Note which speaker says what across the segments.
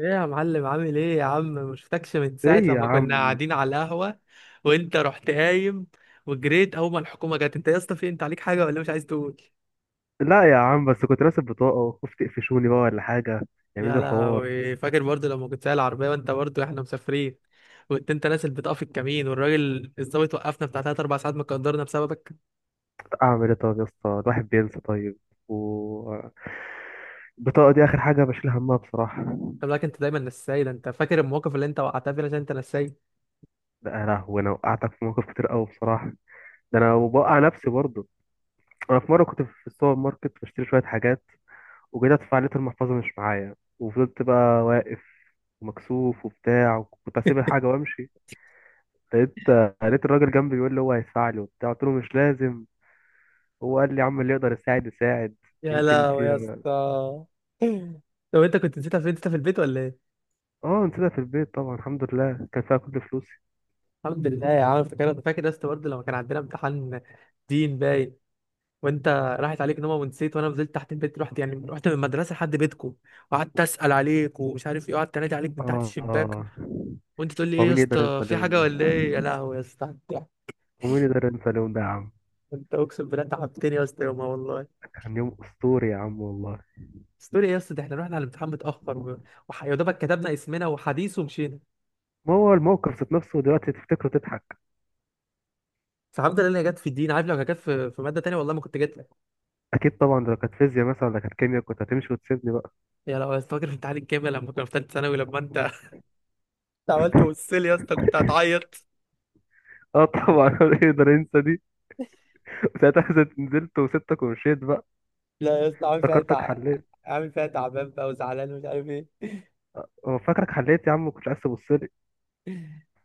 Speaker 1: ايه يا معلم، عامل ايه يا عم؟ ما شفتكش من ساعة
Speaker 2: ايه يا
Speaker 1: لما كنا
Speaker 2: عم.
Speaker 1: قاعدين على القهوة وانت رحت قايم وجريت اول ما الحكومة جت. انت يا اسطى في انت عليك حاجة ولا مش عايز تقول؟
Speaker 2: لا يا عم، بس كنت راسب بطاقة وخفت يقفشوني بقى ولا حاجة يعملوا
Speaker 1: يا
Speaker 2: لي حوار.
Speaker 1: لهوي، فاكر برضو لما كنت سايق العربية وانت برضو احنا مسافرين وانت نازل بتقف الكمين والراجل الظابط وقفنا بتاع 3 4 ساعات مقدرنا بسببك.
Speaker 2: اعمل ايه طب يا اسطى؟ الواحد بينسى طيب. و البطاقة دي آخر حاجة بشيل همها بصراحة.
Speaker 1: خلي بالك انت دايما نساي، ده انت فاكر المواقف اللي انت وقعتها فينا عشان انت نساي.
Speaker 2: لا يا لهوي، أنا وقعتك في مواقف كتير أوي بصراحة. ده أنا وبوقع نفسي برضه. أنا في مرة كنت في السوبر ماركت بشتري شوية حاجات، وجيت أدفع لقيت المحفظة مش معايا وفضلت بقى واقف ومكسوف وبتاع، وكنت هسيب الحاجة وأمشي. لقيت لقيت الراجل جنبي بيقول لي هو هيدفع لي وبتاع، قلت له مش لازم. هو قال لي يا عم اللي يقدر يساعد يساعد.
Speaker 1: يا
Speaker 2: يمكن
Speaker 1: لهوي
Speaker 2: في.
Speaker 1: يا اسطى. طب انت كنت نسيتها فين؟ انت في البيت ولا ايه؟
Speaker 2: اه، نسيبها في البيت طبعا، الحمد لله كان فيها كل فلوسي.
Speaker 1: الحمد لله يا عم. فاكر انت، فاكر يا اسطى برضه لما كان عندنا امتحان دين باين وانت راحت عليك نومه ونسيت، وانا نزلت تحت البيت، رحت يعني رحت من المدرسه لحد بيتكم وقعدت اسال عليك ومش عارف ايه، وقعدت انادي عليك من تحت
Speaker 2: اه،
Speaker 1: الشباك
Speaker 2: آه.
Speaker 1: وانت تقول لي
Speaker 2: هو
Speaker 1: ايه يا
Speaker 2: مين يقدر ينسى
Speaker 1: اسطى، في
Speaker 2: اليوم
Speaker 1: حاجه
Speaker 2: ده؟
Speaker 1: ولا ايه؟ يا لهوي يا اسطى. انت،
Speaker 2: هو مين يقدر ينسى اليوم ده يا عم؟
Speaker 1: انت اقسم بالله تعبتني يا اسطى يومها والله.
Speaker 2: كان يوم اسطوري يا عم والله.
Speaker 1: بس تقول ايه يا اسطى، ده احنا رحنا على الامتحان متاخر يا دوبك كتبنا اسمنا وحديث ومشينا.
Speaker 2: ما هو الموقف ذات نفسه دلوقتي تفتكره تضحك.
Speaker 1: فالحمد لله هي جت في الدين. عارف لو كانت جت في ماده تانيه والله ما كنت جيت لك.
Speaker 2: اكيد طبعا، ده لو كانت فيزياء مثلا ولا كانت كيمياء كنت هتمشي وتسيبني بقى.
Speaker 1: يا لو فاكر في امتحان الكيمياء لما كنا في ثالثه ثانوي لما انت عملت وصل يا اسطى كنت هتعيط.
Speaker 2: اه طبعا هو يقدر ينسى دي؟ ساعتها نزلت وسبتك ومشيت بقى.
Speaker 1: لا يا اسطى عامل فيها
Speaker 2: افتكرتك حليت.
Speaker 1: عامل فيها تعبان بقى وزعلان ومش عارف ايه.
Speaker 2: اه فاكرك حليت يا عم، ما كنتش عايز تبص لي.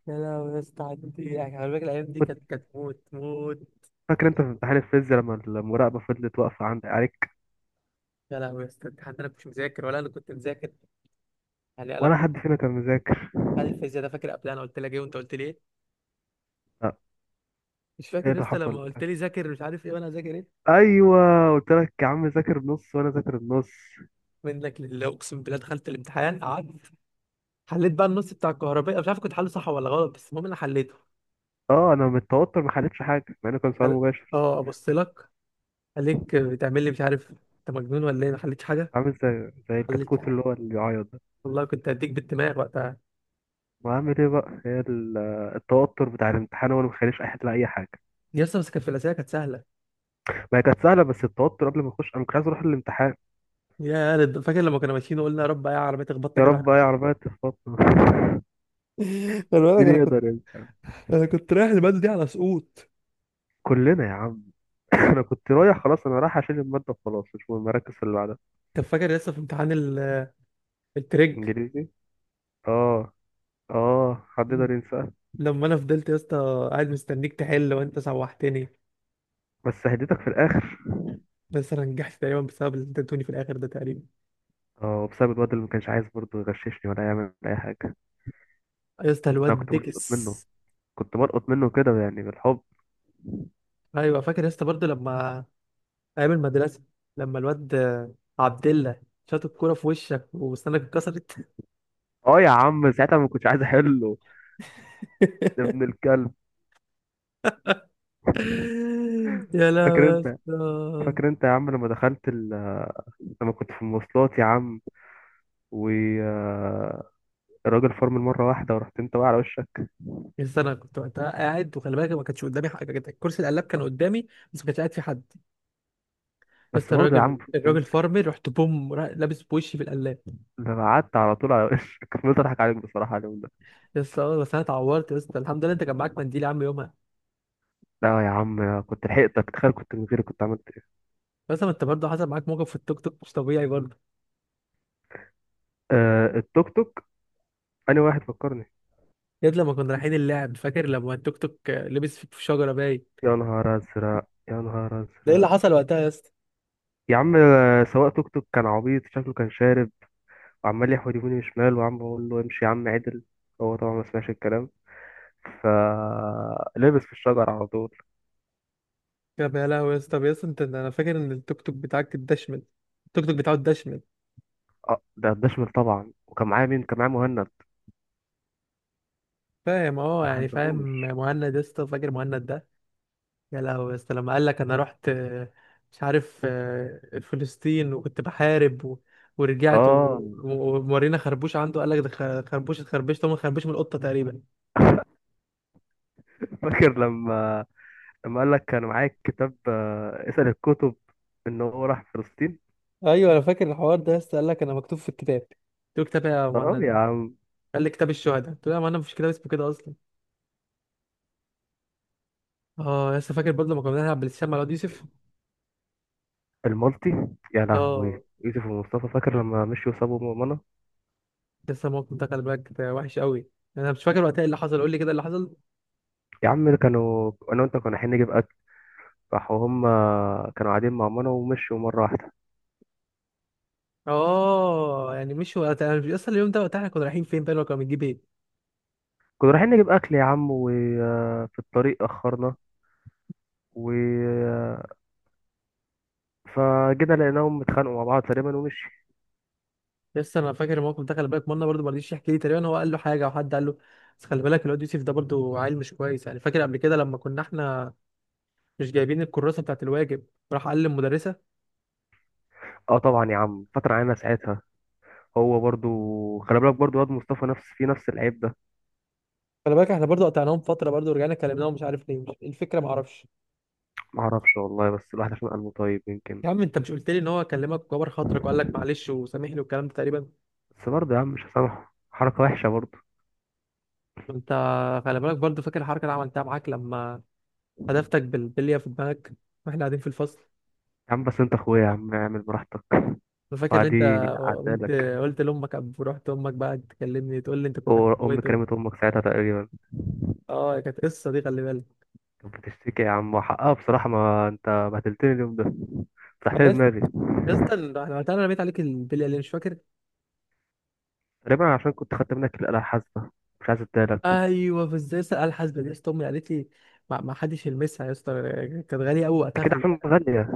Speaker 1: يا لهوي يا اسطى، عدت ايه يعني؟ خلي بالك الايام دي
Speaker 2: كنت
Speaker 1: كانت موت موت.
Speaker 2: فاكر انت في امتحان الفيزياء لما المراقبه فضلت واقفه عندك عليك؟
Speaker 1: يا لهوي يا اسطى الامتحان ده، انا كنتش مذاكر ولا انا كنت مذاكر؟ يعني انا
Speaker 2: ولا
Speaker 1: خدت
Speaker 2: حد فينا كان مذاكر.
Speaker 1: امتحان الفيزياء ده. فاكر قبل انا قلت لك ايه وانت قلت لي ايه؟
Speaker 2: لا.
Speaker 1: مش
Speaker 2: ايه
Speaker 1: فاكر يا
Speaker 2: اللي
Speaker 1: اسطى
Speaker 2: حصل
Speaker 1: لما قلت
Speaker 2: وقتها؟
Speaker 1: لي ذاكر مش عارف ايه وانا هذاكر ايه؟
Speaker 2: ايوه. قلت لك يا عم، ذاكر بنص وانا ذاكر بنص.
Speaker 1: منك لله، اقسم بالله دخلت الامتحان، قعدت حليت بقى النص بتاع الكهربائي، مش عارف كنت حله صح ولا غلط بس المهم انا حليته.
Speaker 2: اه، انا من التوتر ما حلتش حاجه مع انه كان سؤال
Speaker 1: قال-
Speaker 2: مباشر.
Speaker 1: اه ابص لك عليك، بتعمل لي مش عارف انت مجنون ولا ايه، ما حليتش حاجه،
Speaker 2: عامل زي
Speaker 1: خليتش
Speaker 2: الكتكوت
Speaker 1: حاجة.
Speaker 2: اللي هو اللي بيعيط ده.
Speaker 1: والله كنت هديك بالدماغ وقتها.
Speaker 2: وعامل ايه بقى؟ التوتر بتاع الامتحان هو اللي مخلينيش احل اي حاجه.
Speaker 1: يا اسطى بس كانت في الاسئله، كانت سهله.
Speaker 2: ما هي كانت سهله، بس التوتر قبل ما اخش انا كنت عايز اروح الامتحان.
Speaker 1: فاكر لما كنا ماشيين وقلنا يا رب يا عربيه تخبطنا
Speaker 2: يا
Speaker 1: كده واحنا
Speaker 2: رب اي
Speaker 1: ماشيين.
Speaker 2: عربيه تخبطنا
Speaker 1: خلي بالك
Speaker 2: مين
Speaker 1: انا كنت
Speaker 2: يقدر يعني.
Speaker 1: انا كنت رايح الماده دي على سقوط.
Speaker 2: كلنا يا عم. انا كنت رايح خلاص، انا رايح اشيل الماده وخلاص مش مهم، مركز في اللي بعدها.
Speaker 1: طب فاكر يا اسطى في امتحان التريج
Speaker 2: انجليزي. اه. اه، حد يقدر ينسى؟
Speaker 1: لما انا فضلت يا اسطى قاعد مستنيك تحل وانت سوحتني.
Speaker 2: بس هديتك في الاخر.
Speaker 1: بس انا نجحت تقريبا بسبب اللي انت ادوني في الاخر ده تقريبا.
Speaker 2: اه، بسبب الواد اللي ما كانش عايز برضه يغششني ولا يعمل اي حاجه.
Speaker 1: يا اسطى الواد
Speaker 2: انا كنت بلقط
Speaker 1: بيكس.
Speaker 2: منه. كنت بلقط منه كده، يعني بالحب.
Speaker 1: ايوه فاكر يا اسطى برضه لما، ايام المدرسه، لما الواد عبد الله شاط الكوره في وشك وسنانك اتكسرت.
Speaker 2: اه يا عم، ساعتها ما كنتش عايز احله. يا ابن الكلب.
Speaker 1: يا لهوي
Speaker 2: فاكر
Speaker 1: يا
Speaker 2: انت
Speaker 1: اسطى.
Speaker 2: فاكر انت يا عم لما كنت في المواصلات يا عم، والراجل فرمل مره واحده ورحت انت واقع على وشك.
Speaker 1: يا اسطى انا كنت وقتها قاعد وخلي بالك ما كانش قدامي حاجه كده، كرسي القلاب كان قدامي بس ما كانش قاعد فيه حد. يا
Speaker 2: بس
Speaker 1: اسطى
Speaker 2: برضه يا عم،
Speaker 1: الراجل
Speaker 2: كنت
Speaker 1: الراجل
Speaker 2: تمسك.
Speaker 1: فارمر، رحت بوم لابس بوشي في القلاب.
Speaker 2: ده أنا قعدت على طول على وشك فضلت اضحك عليك بصراحه اليوم ده.
Speaker 1: يا اسطى آه، بس انا اتعورت يا اسطى، الحمد لله انت كان معاك منديل يا عم يومها.
Speaker 2: لا يا عم كنت لحقتك، تخيل كنت من غيري كنت عملت ايه.
Speaker 1: بس ما انت برضه حصل معاك موقف في التوك توك مش طبيعي برضه.
Speaker 2: آه، التوك توك. انا واحد فكرني.
Speaker 1: يا اسطى لما كنا رايحين اللعب، فاكر لما التوك توك لبس فيك في شجره باين؟
Speaker 2: يا نهار ازرق، يا نهار
Speaker 1: ده ايه اللي
Speaker 2: ازرق.
Speaker 1: حصل وقتها يا اسطى؟
Speaker 2: يا عم سواق توك توك كان عبيط، شكله كان شارب، وعمال يحود يمين وشمال، وعم بقول له امشي يا عم عدل. هو طبعا ما سمعش الكلام، فلبس في الشجر على طول.
Speaker 1: يا لهوي يا اسطى. طب يا اسطى انت، انا فاكر ان التوك توك بتاعك اتدشمل. التوك توك بتاعه اتدشمل،
Speaker 2: اه، ده الدشمل طبعا، وكان معايا مين؟ كان معايا مهند.
Speaker 1: فاهم؟ اه
Speaker 2: ما
Speaker 1: يعني فاهم.
Speaker 2: حلهوش.
Speaker 1: مهند يا اسطى، فاكر مهند ده؟ يا لهوي يا اسطى لما قال لك انا رحت مش عارف فلسطين وكنت بحارب ورجعت
Speaker 2: اه
Speaker 1: ومورينا خربوش عنده قال لك ده خربوش، اتخربشت، هو خربوش من القطه تقريبا.
Speaker 2: فاكر لما قال لك كان معايا كتاب اسأل الكتب، ان هو راح فلسطين.
Speaker 1: ايوه انا فاكر الحوار ده يا اسطى، قال لك انا مكتوب في الكتاب. قلت له كتاب إيه يا
Speaker 2: اه يا
Speaker 1: مهند؟
Speaker 2: عم.
Speaker 1: قال لي كتاب الشهداء. قلت له يا مهند مفيش كتاب اسمه كده اصلا. اه يا اسطى فاكر برضه لما كنا بنلعب بلاي ستيشن مع الواد يوسف؟
Speaker 2: المالتي. يا لهوي.
Speaker 1: اه.
Speaker 2: يوسف ومصطفى، فاكر لما مشيوا وسابوا منى.
Speaker 1: لسه الموقف ده، خلي بالك ده وحش قوي. انا مش فاكر وقتها إيه اللي حصل، قول لي كده اللي حصل.
Speaker 2: يا عم كانوا، انا وانت كنا رايحين نجيب اكل، راحوا هم. كانوا قاعدين مع ماما ومشوا مره واحده.
Speaker 1: اه يعني مش وقت، انا مش اصلا اليوم ده وقت احنا كنا رايحين فين بقى، لو كنا بنجيب ايه.
Speaker 2: كنا رايحين نجيب اكل يا عم، وفي الطريق اخرنا، و فجينا لقيناهم اتخانقوا مع بعض تقريبا ومشي.
Speaker 1: لسه انا فاكر الموقف ده. خلي بالك منا برضه ما رضيش يحكي لي تقريبا، هو قال له حاجه او حد قال له. بس خلي بالك الواد يوسف ده برضه عيل مش كويس، يعني فاكر قبل كده لما كنا احنا مش جايبين الكراسه بتاعت الواجب، راح قال للمدرسه.
Speaker 2: اه طبعا يا عم، فتره علينا ساعتها. هو برضو. خلي بالك برضو، واد مصطفى في نفس العيب ده.
Speaker 1: خلي بالك احنا برضه قطعناهم فتره برضه ورجعنا كلمناهم مش عارف ليه، مش إيه الفكره ما اعرفش.
Speaker 2: معرفش والله، بس الواحد عشان قلبه طيب يمكن.
Speaker 1: يا عم انت مش قلت لي ان هو كلمك وكبر خاطرك وقال لك معلش وسامحني والكلام ده تقريبا؟
Speaker 2: بس برضه يا عم مش هسامحه، حركه وحشه برضه.
Speaker 1: انت، خلي بالك برضه فاكر الحركه اللي عملتها معاك لما هدفتك بالبليه في دماغك واحنا قاعدين في الفصل؟
Speaker 2: يا عم بس انت اخويا يا عم، اعمل براحتك
Speaker 1: انا فاكر ان
Speaker 2: وعادي.
Speaker 1: انت، قلت،
Speaker 2: عدالك.
Speaker 1: قلت لامك قبل، ورحت امك بقى تكلمني تقول لي انت كنت
Speaker 2: وأمي
Speaker 1: هتموته.
Speaker 2: كلمت أمك ساعتها تقريبا.
Speaker 1: اه كانت قصه دي خلي بالك.
Speaker 2: كانت بتشتكي يا عم، وحقها بصراحة، ما أنت بهدلتني اليوم ده، فتحت
Speaker 1: انا
Speaker 2: لي
Speaker 1: يس-
Speaker 2: دماغي.
Speaker 1: يا اسطى انا، أنا وقتها رميت عليك البلي اللي مش فاكر.
Speaker 2: تقريبا عشان كنت خدت منك الآلة الحاسبة، مش عايز اديهالك.
Speaker 1: ايوه في ازاي اسال الحاسبه دي يا اسطى، امي قالت لي ما حدش يلمسها يا اسطى، كانت غاليه قوي وقتها
Speaker 2: أكيد
Speaker 1: خلي
Speaker 2: عشان
Speaker 1: بالك.
Speaker 2: غالية.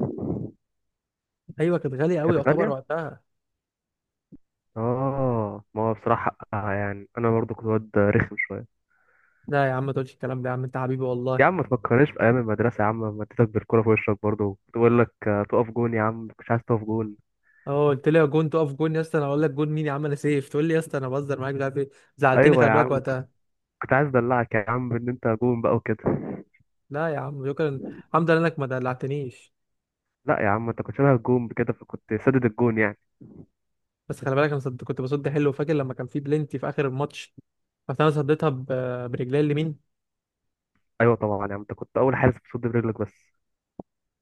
Speaker 1: ايوه كانت غاليه قوي
Speaker 2: كانت
Speaker 1: يعتبر
Speaker 2: غالية؟
Speaker 1: وقتها.
Speaker 2: آه، ما هو بصراحة حقها، يعني أنا برضو كنت واد رخم شوية.
Speaker 1: لا يا عم ما تقولش الكلام ده، يا عم انت حبيبي
Speaker 2: يا
Speaker 1: والله.
Speaker 2: عم ما تفكرنيش في أيام المدرسة يا عم، لما اديتك بالكورة في وشك برضو، تقول لك تقف جون، يا عم مش عايز تقف جون.
Speaker 1: اه قلت لي يا جون تقف جون. يا اسطى انا اقول لك جون مين يا عم، انا سيف، تقول لي يا اسطى انا بهزر معاك مش عارف ايه. زعلتني
Speaker 2: أيوة
Speaker 1: خلي
Speaker 2: يا
Speaker 1: بالك
Speaker 2: عم،
Speaker 1: وقتها.
Speaker 2: كنت عايز أدلعك يا عم إن أنت جون بقى وكده.
Speaker 1: لا يا عم شكرا، الحمد لله انك ما دلعتنيش.
Speaker 2: لا يا عم، أنت كنت شبه الجون كده، فكنت سدد الجون يعني.
Speaker 1: بس خلي بالك انا كنت بصد حلو. فاكر لما كان في بلنتي في اخر الماتش، بس انا صديتها برجلي اليمين.
Speaker 2: ايوه طبعا يا عم، انت كنت اول حارس بتصد برجلك بس.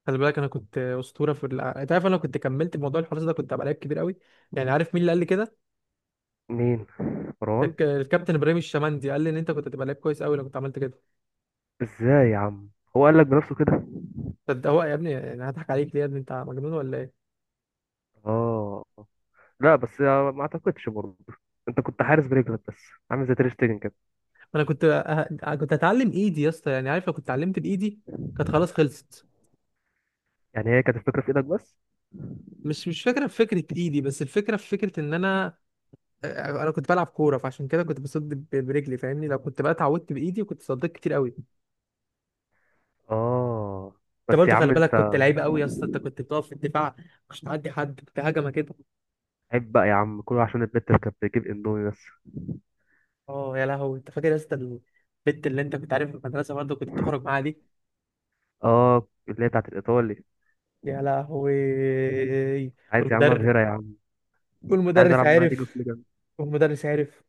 Speaker 1: خلي بالك انا كنت اسطوره في انت عارف انا لو كنت كملت موضوع الحراس ده كنت هبقى لعيب كبير قوي. يعني عارف مين اللي قال لي كده؟
Speaker 2: مين؟ مروان.
Speaker 1: الكابتن ابراهيم الشمندي قال لي ان انت كنت هتبقى لعيب كويس قوي لو كنت عملت كده.
Speaker 2: ازاي يا عم؟ هو قال لك بنفسه كده؟
Speaker 1: صد هو يا ابني يعني هضحك عليك ليه يا ابني، انت مجنون ولا ايه؟
Speaker 2: اه. لا بس ما اعتقدش برضه، انت كنت حارس برجلك بس، عامل زي تير شتيجن كده.
Speaker 1: انا كنت كنت هتعلم ايدي يا اسطى، يعني عارف لو كنت اتعلمت بايدي كانت خلاص خلصت.
Speaker 2: يعني هي كانت الفكره في ايدك بس.
Speaker 1: مش فكره في فكره ايدي، بس الفكره في فكره ان انا، انا كنت بلعب كوره فعشان كده كنت بصد برجلي، فاهمني؟ لو كنت بقى اتعودت بايدي كنت صديت كتير قوي.
Speaker 2: اه
Speaker 1: انت
Speaker 2: بس يا
Speaker 1: برضه خلي
Speaker 2: عم
Speaker 1: بالك
Speaker 2: انت.
Speaker 1: كنت لعيب قوي يا اسطى، انت كنت بتقف في الدفاع مش تعدي حد، كنت هجمه كده.
Speaker 2: عيب بقى يا عم، كله عشان البت اللي كانت بتجيب اندومي بس.
Speaker 1: اه يا لهوي انت فاكر يا اسطى البت اللي انت كنت عارف في المدرسه برضه كنت تخرج معاها دي؟
Speaker 2: اه، اللي هي بتاعت الايطالي.
Speaker 1: يا لهوي.
Speaker 2: عايز يا عم
Speaker 1: والمدرب،
Speaker 2: ابهرها يا عم. كنت عايز
Speaker 1: والمدرس
Speaker 2: العب معاها ديجو
Speaker 1: عارف،
Speaker 2: فليجن.
Speaker 1: والمدرس عارف.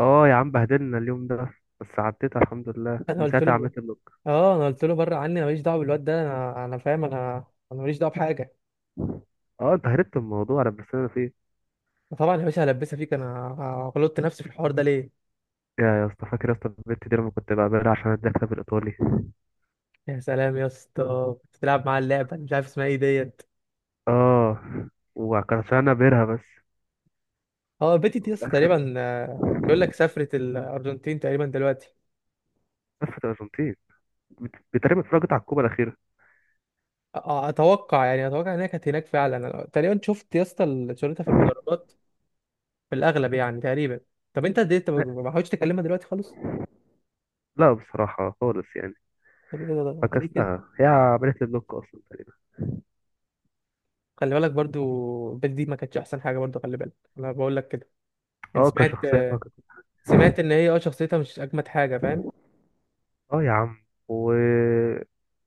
Speaker 2: اه يا عم بهدلنا اليوم ده. بس عديتها الحمد لله،
Speaker 1: انا
Speaker 2: من
Speaker 1: قلت
Speaker 2: ساعتها
Speaker 1: له،
Speaker 2: عملت بلوك.
Speaker 1: اه انا قلت له بره عني، انا ماليش دعوه بالواد ده، انا، انا فاهم، انا، انا ماليش دعوه بحاجه.
Speaker 2: اه انت هربت من الموضوع، انا بس انا فيه.
Speaker 1: طبعا يا باشا هلبسها فيك، انا غلطت نفسي في الحوار ده ليه؟
Speaker 2: يا اسطى، فاكر يا اسطى البت دي لما كنت بعملها عشان اديها بالايطالي.
Speaker 1: يا سلام يا اسطى كنت بتلعب مع اللعبه مش عارف اسمها ايه ديت.
Speaker 2: اه، وكان عشان انا بيرها بس.
Speaker 1: اه بيتي دي يا
Speaker 2: وفي
Speaker 1: اسطى
Speaker 2: الاخر
Speaker 1: تقريبا، بيقول لك سافرت الارجنتين تقريبا دلوقتي.
Speaker 2: لفت الارجنتين. بتقريبا اتفرجت على الكوبا الاخيره.
Speaker 1: اتوقع يعني اتوقع انها كانت هناك فعلا، أنا تقريبا شفت يا اسطى صورتها في المدرجات في الاغلب يعني تقريبا. طب انت انت ما
Speaker 2: لا،
Speaker 1: ما حاولتش تكلمها دلوقتي خالص؟
Speaker 2: لا بصراحه خالص يعني.
Speaker 1: طب ايه ده، انت ليه كده؟
Speaker 2: فكستها، هي عملت لي بلوك اصلا تقريبا.
Speaker 1: خلي بالك برضو بيتي دي ما كانتش احسن حاجه برضو، خلي بالك انا بقول لك كده، يعني
Speaker 2: اه،
Speaker 1: سمعت،
Speaker 2: كشخصيه بقى كده.
Speaker 1: سمعت ان هي اه شخصيتها مش اجمد حاجه، فاهم؟
Speaker 2: اه يا عم،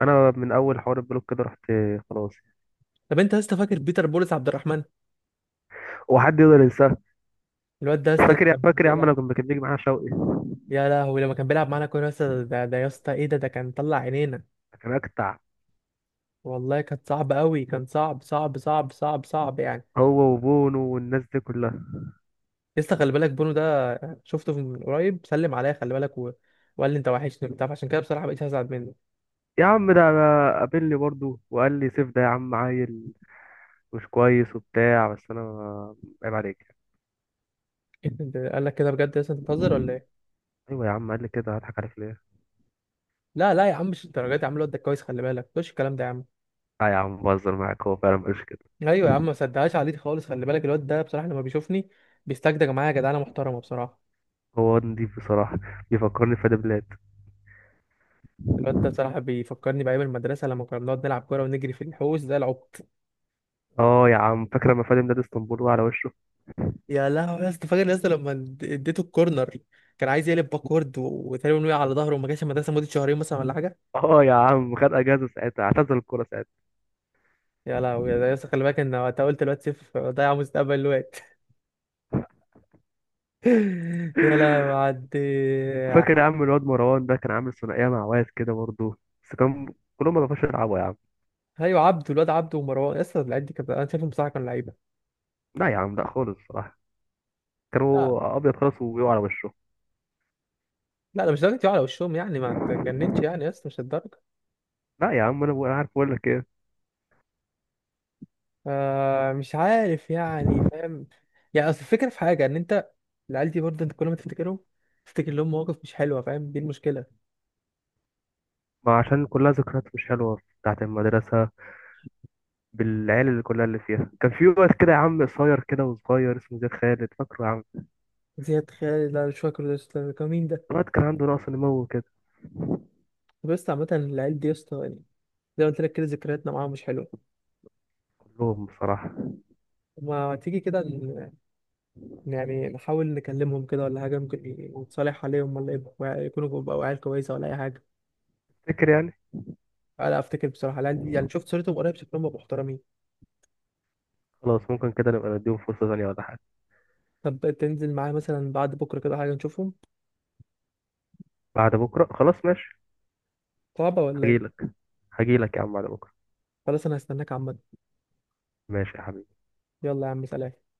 Speaker 2: انا من اول حوار البلوك ده رحت. خلاص.
Speaker 1: طب انت يا اسطى فاكر بيتر بولس عبد الرحمن؟
Speaker 2: هو حد يقدر ينساه؟
Speaker 1: الواد ده يا اسطى لما كان
Speaker 2: فاكر يا عم
Speaker 1: بيلعب،
Speaker 2: لما كان بيجي معانا شوقي.
Speaker 1: يا لهوي لما كان بيلعب معانا كوره يا اسطى، ده ده يا اسطى ايه ده، ده كان طلع عينينا
Speaker 2: كان اكتع.
Speaker 1: والله، كانت صعبه قوي، كان صعب صعب صعب صعب صعب يعني.
Speaker 2: هو وبونو والناس دي كلها.
Speaker 1: يا اسطى خلي بالك بونو ده شفته من قريب، سلم عليا خلي بالك وقال لي انت وحشني وبتاع، فعشان كده بصراحه بقيت هزعل منه.
Speaker 2: يا عم ده، أنا قابلني برضو وقال لي سيف ده يا عم عيل مش كويس وبتاع، بس انا عيب عليك يعني.
Speaker 1: انت قال لك كده بجد يا اسطى، انت بتهزر ولا ايه؟
Speaker 2: ايوه يا عم قال لي كده، هضحك عليك ليه؟
Speaker 1: لا لا يا عم مش الدرجات، يا عم الواد ده كويس خلي بالك، مش الكلام ده يا عم.
Speaker 2: اه يا عم بهزر معاك، هو فعلا مش كده.
Speaker 1: ايوه يا عم ما صدقهاش عليه خالص، خلي بالك الواد ده بصراحه لما بيشوفني بيستجدج معايا جدعانه محترمه بصراحه.
Speaker 2: هو نضيف بصراحه، بيفكرني بفادي بلاد.
Speaker 1: الواد ده بصراحه بيفكرني بايام المدرسه لما كنا بنقعد نلعب كوره ونجري في الحوش زي العبط.
Speaker 2: اه يا عم، فاكر لما فادي بلاد اسطنبول وقع على وشه؟
Speaker 1: يا لهوي يا اسطى فاكر يا اسطى لما اديته الكورنر؟ كان عايز يقلب باكورد وتقريبا وقع على ظهره وما جاش المدرسه مده شهرين مثلا ولا حاجه.
Speaker 2: اه يا عم، خد اجازه ساعتها، اعتزل الكوره ساعتها.
Speaker 1: يا لهوي يا اسطى خلي بالك ان وقتها قلت الواد سيف ضيع مستقبل الواد. يا لهوي، عدي.
Speaker 2: فاكر يا عم الواد مروان ده كان عامل ثنائيه مع واد كده برضو، بس كان كلهم ما بيعرفوش يلعبوا يا عم.
Speaker 1: ايوه عبده، الواد عبده ومروان يا اسطى، العيال دي كانت، انا شايفهم بصراحه كانوا لعيبه.
Speaker 2: لا يا عم لا خالص بصراحه،
Speaker 1: لا
Speaker 2: كانوا ابيض خالص وبيقعوا على وشه.
Speaker 1: لا ده مش درجه يقع على وشهم يعني، ما تجننش يعني يا اسطى، مش الدرجه.
Speaker 2: لا يا عم انا أنا عارف اقول لك ايه.
Speaker 1: آه مش عارف يعني، فاهم؟ يعني اصل الفكره في حاجه ان انت، العيال دي برضه انت كل ما تفتكرهم تفتكر لهم مواقف مش حلوه، فاهم؟ دي المشكله.
Speaker 2: ما عشان كلها ذكريات مش حلوة بتاعت المدرسة، بالعيال اللي كلها اللي فيها، كان في واد كده يا عم قصير كده وصغير اسمه زياد خالد، فاكره يا عم؟
Speaker 1: زياد خالد، لا مش فاكر ده أصلاً. كان مين ده؟
Speaker 2: الواد كان عنده نقص نمو كده.
Speaker 1: طب يا اسطى عامة العيال دي يا اسطى يعني، زي ما قلت لك كده ذكرياتنا معاهم مش حلوة.
Speaker 2: كلهم بصراحة.
Speaker 1: ما تيجي كده يعني نحاول نكلمهم كده ولا حاجة، ممكن نتصالح عليهم، ولا يبقوا يكونوا بقوا عيال كويسة ولا أي حاجة.
Speaker 2: فاكر يعني.
Speaker 1: أنا أفتكر بصراحة العيال دي، يعني شفت صورتهم قريب، شكلهم بقوا محترمين.
Speaker 2: خلاص ممكن كده نبقى نديهم فرصة ثانية ولا حاجة.
Speaker 1: طب تنزل معايا مثلا بعد بكرة كده حاجة نشوفهم؟
Speaker 2: بعد بكرة خلاص ماشي.
Speaker 1: صعبة ولا إيه؟
Speaker 2: هجيلك هجيلك يا عم بعد بكرة.
Speaker 1: خلاص أنا هستناك عامة.
Speaker 2: ماشي يا حبيبي.
Speaker 1: يلا يا عم، سلام.